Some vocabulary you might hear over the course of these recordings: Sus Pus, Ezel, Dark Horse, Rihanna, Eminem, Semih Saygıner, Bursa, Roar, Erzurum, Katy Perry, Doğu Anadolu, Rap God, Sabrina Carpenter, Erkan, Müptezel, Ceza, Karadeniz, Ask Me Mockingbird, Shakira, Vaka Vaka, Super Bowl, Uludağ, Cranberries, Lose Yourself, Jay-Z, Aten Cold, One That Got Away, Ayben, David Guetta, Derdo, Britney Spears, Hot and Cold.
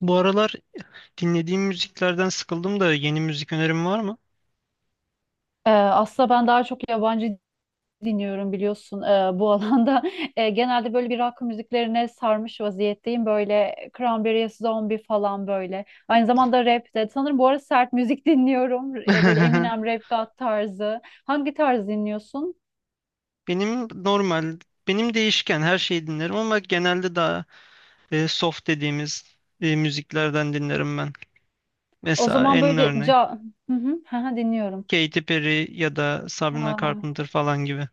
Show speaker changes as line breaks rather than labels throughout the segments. Bu aralar dinlediğim müziklerden sıkıldım da yeni müzik önerim var mı?
Aslında ben daha çok yabancı dinliyorum biliyorsun bu alanda. Genelde böyle bir rock müziklerine sarmış vaziyetteyim. Böyle Cranberries, Zombie falan böyle. Aynı zamanda rap de. Sanırım bu ara sert müzik dinliyorum. Böyle Eminem, Rap God tarzı. Hangi tarz dinliyorsun?
Benim normal, benim değişken her şeyi dinlerim ama genelde daha soft dediğimiz müziklerden dinlerim ben.
O
Mesela
zaman
en
böyle
örnek
ca... Hı hı, hı hı, dinliyorum.
Katy Perry ya da Sabrina
Aa.
Carpenter falan gibi.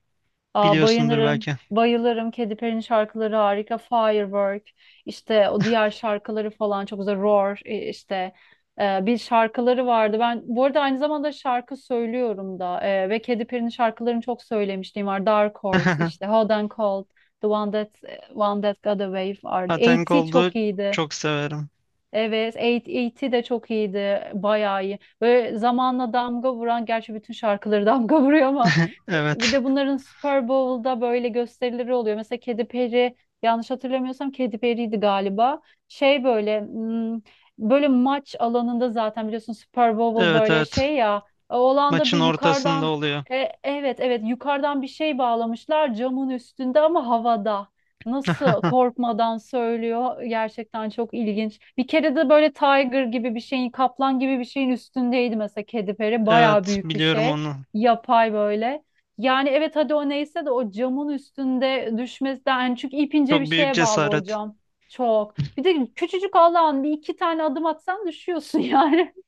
Aa,
Biliyorsundur
bayılırım.
belki.
Bayılırım. Katy Perry'nin şarkıları harika. Firework. İşte o diğer şarkıları falan çok güzel. Roar, işte bir şarkıları vardı. Ben bu arada aynı zamanda şarkı söylüyorum da ve Katy Perry'nin şarkılarını çok söylemişliğim var. Dark Horse işte Hot and Cold, The One That e, One That Got Away vardı.
Aten
A.T.
Cold'u
çok iyiydi.
çok severim.
Evet, 8 de çok iyiydi. Bayağı iyi. Böyle zamanla damga vuran, gerçi bütün şarkıları damga vuruyor ama bir
Evet.
de bunların Super Bowl'da böyle gösterileri oluyor. Mesela Kedi Peri, yanlış hatırlamıyorsam Kedi Perry'ydi galiba. Şey böyle böyle maç alanında zaten biliyorsun Super Bowl
Evet,
böyle
evet.
şey ya o alanda bir
Maçın ortasında
yukarıdan
oluyor.
evet evet yukarıdan bir şey bağlamışlar camın üstünde ama havada. Nasıl korkmadan söylüyor. Gerçekten çok ilginç. Bir kere de böyle tiger gibi bir şeyin, kaplan gibi bir şeyin üstündeydi mesela kedi peri. Bayağı
Evet,
büyük bir
biliyorum
şey.
onu.
Yapay böyle. Yani evet hadi o neyse de o camın üstünde düşmesi de yani çünkü ipince bir
Çok büyük
şeye bağlı o
cesaret.
cam. Çok. Bir de küçücük Allah'ın bir iki tane adım atsan düşüyorsun yani.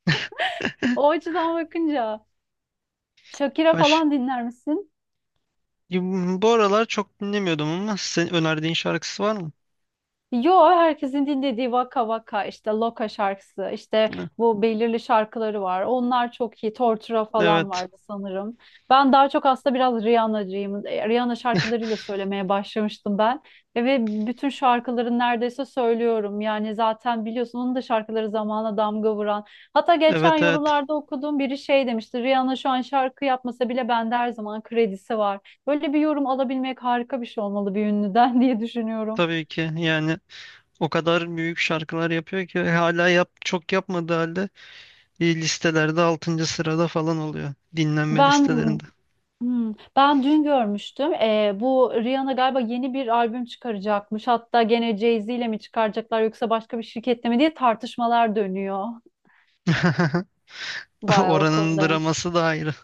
O açıdan bakınca. Shakira
Baş.
falan dinler misin?
Ya, bu aralar çok dinlemiyordum ama senin önerdiğin şarkısı var mı?
Yo herkesin dinlediği Vaka Vaka işte Loka şarkısı işte
Ha,
bu belirli şarkıları var. Onlar çok iyi. Tortura falan
evet.
vardı sanırım. Ben daha çok aslında biraz Rihanna'cıyım. Rihanna şarkılarıyla söylemeye başlamıştım ben. Ve bütün şarkıların neredeyse söylüyorum. Yani zaten biliyorsun onun da şarkıları zamana damga vuran. Hatta geçen
Evet, evet.
yorumlarda okuduğum biri şey demişti. Rihanna şu an şarkı yapmasa bile bende her zaman kredisi var. Böyle bir yorum alabilmek harika bir şey olmalı bir ünlüden diye düşünüyorum.
Tabii ki, yani o kadar büyük şarkılar yapıyor ki hala çok yapmadığı halde listelerde altıncı sırada falan oluyor dinlenme
Ben
listelerinde.
ben dün görmüştüm. Bu Rihanna galiba yeni bir albüm çıkaracakmış. Hatta gene Jay-Z ile mi çıkaracaklar yoksa başka bir şirketle mi diye tartışmalar dönüyor. Bayağı o
Oranın
konuda, yani.
draması da ayrı.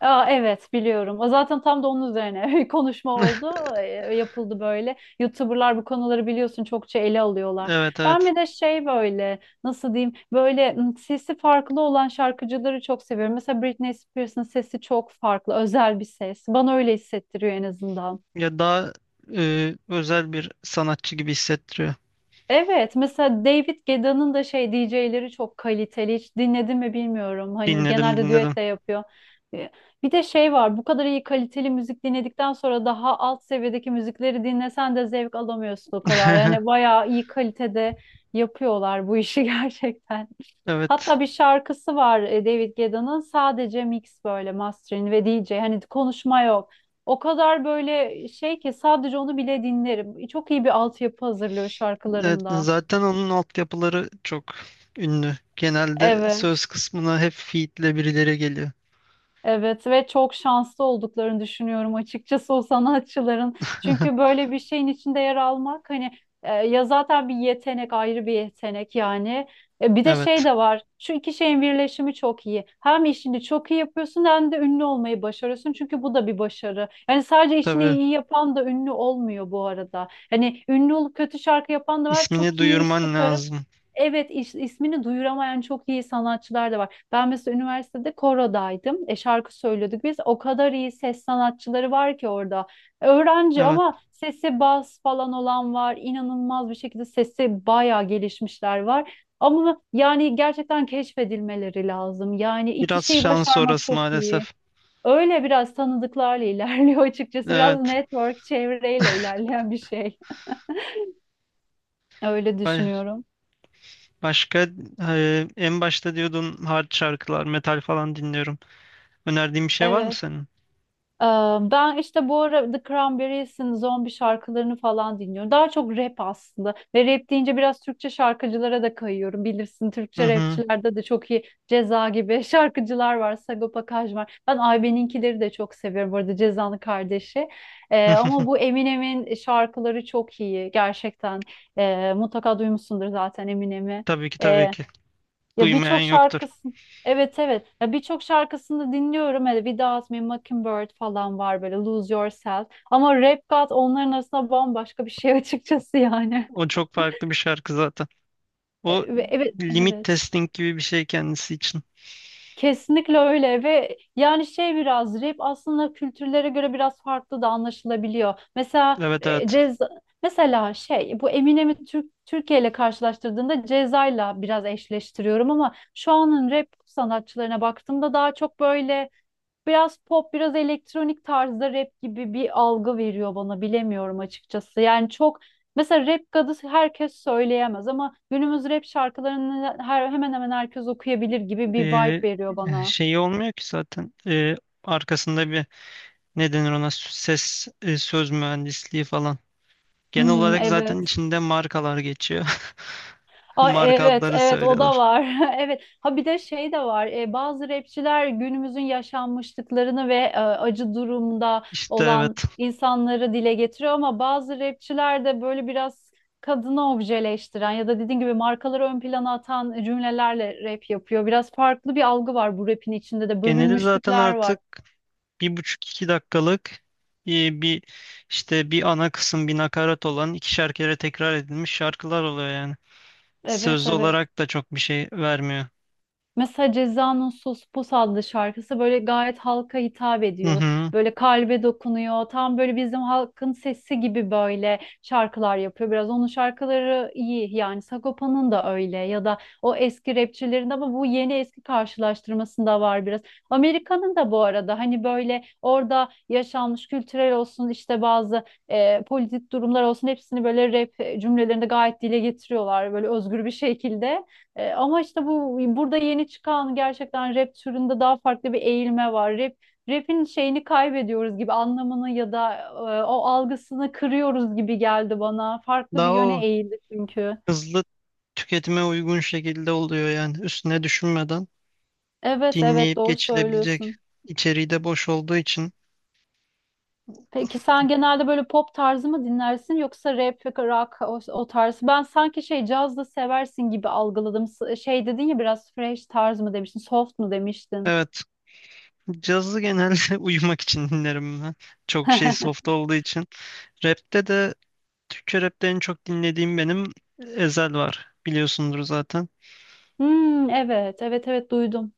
Aa, evet biliyorum. O zaten tam da onun üzerine bir konuşma oldu, e, yapıldı böyle. YouTuber'lar bu konuları biliyorsun çokça ele alıyorlar.
Evet,
Ben
evet.
bir de şey böyle nasıl diyeyim böyle sesi farklı olan şarkıcıları çok seviyorum. Mesela Britney Spears'ın sesi çok farklı, özel bir ses. Bana öyle hissettiriyor en azından.
Ya daha özel bir sanatçı gibi hissettiriyor.
Evet, mesela David Guetta'nın da şey DJ'leri çok kaliteli. Hiç dinledin mi bilmiyorum. Hani
Dinledim,
genelde
dinledim.
düet de yapıyor. Ee, Bir de şey var. Bu kadar iyi kaliteli müzik dinledikten sonra daha alt seviyedeki müzikleri dinlesen de zevk alamıyorsun o kadar. Yani bayağı iyi kalitede yapıyorlar bu işi gerçekten.
Evet.
Hatta bir şarkısı var David Guetta'nın sadece mix böyle mastering ve DJ. Hani konuşma yok. O kadar böyle şey ki sadece onu bile dinlerim. Çok iyi bir altyapı hazırlıyor
Evet,
şarkılarında.
zaten onun altyapıları çok ünlü. Genelde söz
Evet,
kısmına hep feed'le birileri geliyor.
evet ve çok şanslı olduklarını düşünüyorum açıkçası o sanatçıların. Çünkü böyle bir şeyin içinde yer almak hani ya zaten bir yetenek ayrı bir yetenek yani. Bir de şey
Evet,
de var. Şu iki şeyin birleşimi çok iyi. Hem işini çok iyi yapıyorsun hem de ünlü olmayı başarıyorsun. Çünkü bu da bir başarı. Yani sadece işini
tabii,
iyi yapan da ünlü olmuyor bu arada. Hani ünlü olup kötü şarkı yapan da var.
ismini
Çok iyi iş
duyurman
çıkarıp,
lazım.
evet, ismini duyuramayan çok iyi sanatçılar da var. Ben mesela üniversitede korodaydım. Şarkı söylüyorduk biz. O kadar iyi ses sanatçıları var ki orada. Öğrenci
Evet,
ama sesi bas falan olan var. İnanılmaz bir şekilde sesi bayağı gelişmişler var. Ama yani gerçekten keşfedilmeleri lazım. Yani iki
biraz
şeyi
şans
başarmak
orası
çok iyi.
maalesef.
Öyle biraz tanıdıklarla ilerliyor açıkçası. Biraz
Evet,
network çevreyle ilerleyen bir şey. Öyle
ba-
düşünüyorum.
başka en başta diyordun hard şarkılar, metal falan dinliyorum. Önerdiğin bir şey var mı
Evet.
senin?
Ee, Ben işte bu ara The Cranberries'in zombi şarkılarını falan dinliyorum. Daha çok rap aslında. Ve rap deyince biraz Türkçe şarkıcılara da kayıyorum. Bilirsin
Hı
Türkçe
hı.
rapçilerde de çok iyi Ceza gibi şarkıcılar var. Sagopa Kajmer var. Ben Ayben'inkileri de çok seviyorum. Bu arada Ceza'nın kardeşi. Ama bu Eminem'in şarkıları çok iyi. Gerçekten. Mutlaka duymuşsundur zaten Eminem'i.
Tabii ki, tabii ki.
Ya
Duymayan
birçok
yoktur.
şarkısın. Evet evet. Ya birçok şarkısını dinliyorum. Hele bir daha Ask Me Mockingbird falan var böyle Lose Yourself. Ama Rap God onların arasında bambaşka bir şey açıkçası yani.
O çok farklı bir şarkı zaten. O
Evet
limit
evet.
testing gibi bir şey kendisi için.
Kesinlikle öyle ve yani şey biraz rap aslında kültürlere göre biraz farklı da anlaşılabiliyor. Mesela
Evet, evet.
ceza mesela şey bu Eminem'i Türkiye ile karşılaştırdığında Ceza'yla biraz eşleştiriyorum ama şu anın rap sanatçılarına baktığımda daha çok böyle biraz pop, biraz elektronik tarzda rap gibi bir algı veriyor bana bilemiyorum açıkçası. Yani çok mesela rap kadı herkes söyleyemez ama günümüz rap şarkılarını hemen hemen herkes okuyabilir gibi bir vibe
Ee,
veriyor bana.
Şeyi olmuyor ki zaten, arkasında bir ne denir ona ses, söz mühendisliği falan. Genel
Hmm,
olarak zaten
evet.
içinde markalar geçiyor.
Ay
Marka
evet
adları
evet o da
söylüyorlar.
var. Evet. Ha bir de şey de var. Bazı rapçiler günümüzün yaşanmışlıklarını ve acı durumda
İşte,
olan
evet.
insanları dile getiriyor ama bazı rapçiler de böyle biraz kadını objeleştiren ya da dediğin gibi markaları ön plana atan cümlelerle rap yapıyor. Biraz farklı bir algı var bu rapin içinde de
Geneli zaten
bölünmüşlükler var.
artık bir buçuk iki dakikalık e, bir işte bir ana kısım bir nakarat olan 2'şer kere tekrar edilmiş şarkılar oluyor yani.
Evet
Sözlü
evet.
olarak da çok bir şey vermiyor.
Mesela Ceza'nın Sus Pus adlı şarkısı böyle gayet halka hitap
Hı
ediyor.
hı.
Böyle kalbe dokunuyor. Tam böyle bizim halkın sesi gibi böyle şarkılar yapıyor. Biraz onun şarkıları iyi. Yani Sagopa'nın da öyle ya da o eski rapçilerin de ama bu yeni eski karşılaştırmasında var biraz. Amerika'nın da bu arada hani böyle orada yaşanmış kültürel olsun işte bazı politik durumlar olsun hepsini böyle rap cümlelerinde gayet dile getiriyorlar böyle özgür bir şekilde. Ama işte bu burada yeni çıkan gerçekten rap türünde daha farklı bir eğilme var. Rap'in şeyini kaybediyoruz gibi anlamını ya da o algısını kırıyoruz gibi geldi bana. Farklı bir
Daha o
yöne eğildi çünkü.
hızlı tüketime uygun şekilde oluyor yani üstüne düşünmeden
Evet evet
dinleyip
doğru
geçilebilecek
söylüyorsun.
içeriği de boş olduğu için
Peki sen genelde böyle pop tarzı mı dinlersin yoksa rap, rock o tarz? Ben sanki şey caz da seversin gibi algıladım. Şey dedin ya biraz fresh tarz mı demiştin, soft mu demiştin?
evet, cazı genelde uyumak için dinlerim ben çok şey soft olduğu için. Rapte de, Türkçe rapte en çok dinlediğim benim Ezel var, biliyorsundur zaten.
Hmm, evet evet evet duydum.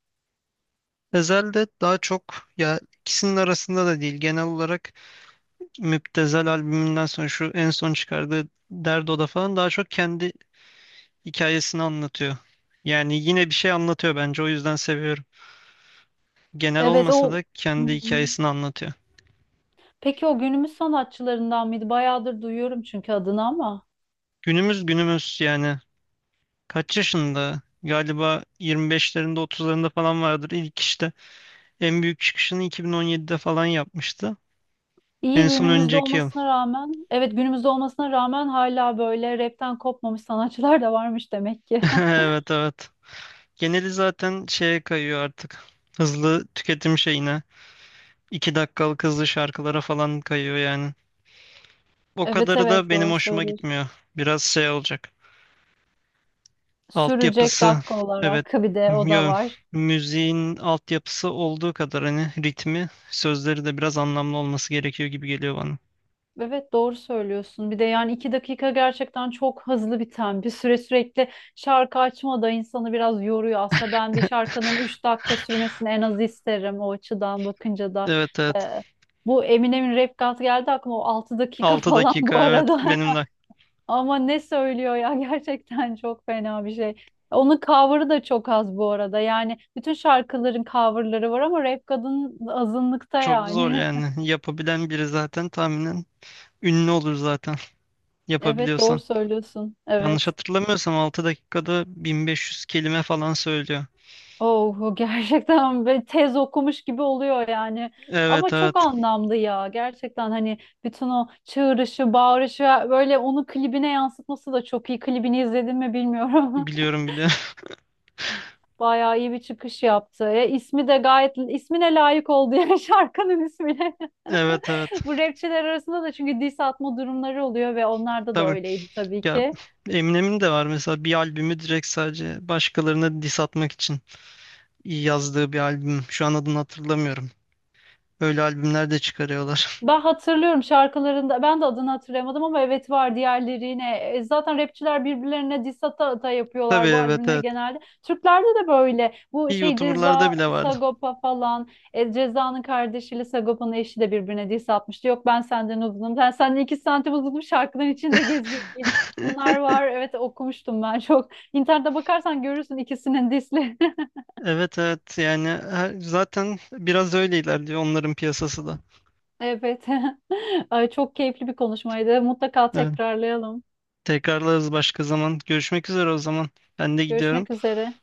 Ezel de daha çok, ya, ikisinin arasında da değil, genel olarak Müptezel albümünden sonra şu en son çıkardığı Derdo'da falan daha çok kendi hikayesini anlatıyor. Yani yine bir şey anlatıyor bence, o yüzden seviyorum. Genel
Evet
olmasa
o.
da
Hı
kendi
hı.
hikayesini anlatıyor.
Peki o günümüz sanatçılarından mıydı? Bayağıdır duyuyorum çünkü adını ama.
Günümüz, günümüz, yani kaç yaşında? Galiba 25'lerinde, 30'larında falan vardır ilk işte. En büyük çıkışını 2017'de falan yapmıştı.
İyi
En son
günümüzde
önceki yıl.
olmasına rağmen, evet günümüzde olmasına rağmen hala böyle rapten kopmamış sanatçılar da varmış demek ki.
Evet, evet. Geneli zaten şeye kayıyor artık. Hızlı tüketim şeyine. 2 dakikalık hızlı şarkılara falan kayıyor yani. O
Evet
kadarı da
evet
benim
doğru
hoşuma
söylüyorsun.
gitmiyor. Biraz şey olacak.
Sürecek
Altyapısı,
dakika
evet,
olarak bir de o da
yo,
var.
müziğin altyapısı olduğu kadar hani ritmi sözleri de biraz anlamlı olması gerekiyor gibi geliyor bana.
Evet doğru söylüyorsun. Bir de yani 2 dakika gerçekten çok hızlı biten bir süre sürekli şarkı açma da insanı biraz yoruyor. Aslında ben bir şarkının 3 dakika sürmesini en az isterim o açıdan bakınca da.
Evet, evet,
Ee, bu Eminem'in rap God geldi aklıma o 6 dakika
altı
falan
dakika
bu
evet,
arada.
benim de
Ama ne söylüyor ya gerçekten çok fena bir şey. Onun cover'ı da çok az bu arada. Yani bütün şarkıların cover'ları var ama Rap God'un azınlıkta
çok zor
yani.
yani. Yapabilen biri zaten tahminen ünlü olur zaten,
Evet doğru
yapabiliyorsan.
söylüyorsun.
Yanlış
Evet.
hatırlamıyorsam 6 dakikada 1.500 kelime falan söylüyor.
Oh gerçekten böyle tez okumuş gibi oluyor yani.
Evet,
Ama çok
evet,
anlamlı ya. Gerçekten hani bütün o çığırışı, bağırışı böyle onu klibine yansıtması da çok iyi. Klibini izledin mi bilmiyorum.
biliyorum, biliyorum.
Bayağı iyi bir çıkış yaptı. E, ismi de gayet ismine layık oldu yani şarkının ismine.
Evet, evet,
Bu rapçiler arasında da çünkü diss atma durumları oluyor ve onlarda da
tabii,
öyleydi tabii
ya,
ki.
Eminem'in de var mesela bir albümü, direkt sadece başkalarına diss atmak için yazdığı bir albüm. Şu an adını hatırlamıyorum. Öyle albümler de çıkarıyorlar.
Ben hatırlıyorum şarkılarında ben de adını hatırlayamadım ama evet var diğerlerine. Zaten rapçiler birbirlerine diss ata ata
Tabii,
yapıyorlar bu
evet,
albümleri
evet.
genelde. Türklerde de böyle bu
İyi
şey
YouTuber'larda
Ceza,
bile vardı.
Sagopa falan Ceza'nın kardeşiyle Sagopa'nın eşi de birbirine diss atmıştı. Yok ben senden uzunum ben senden 2 santim uzunum şarkıların içinde gez bunlar var evet okumuştum ben çok. İnternete bakarsan görürsün ikisinin diss'lerini.
Evet, evet, yani zaten biraz öyle ilerliyor onların piyasası da.
Evet. Ay, çok keyifli bir konuşmaydı mutlaka
Evet.
tekrarlayalım.
Tekrarlarız başka zaman. Görüşmek üzere o zaman. Ben de gidiyorum.
Görüşmek üzere.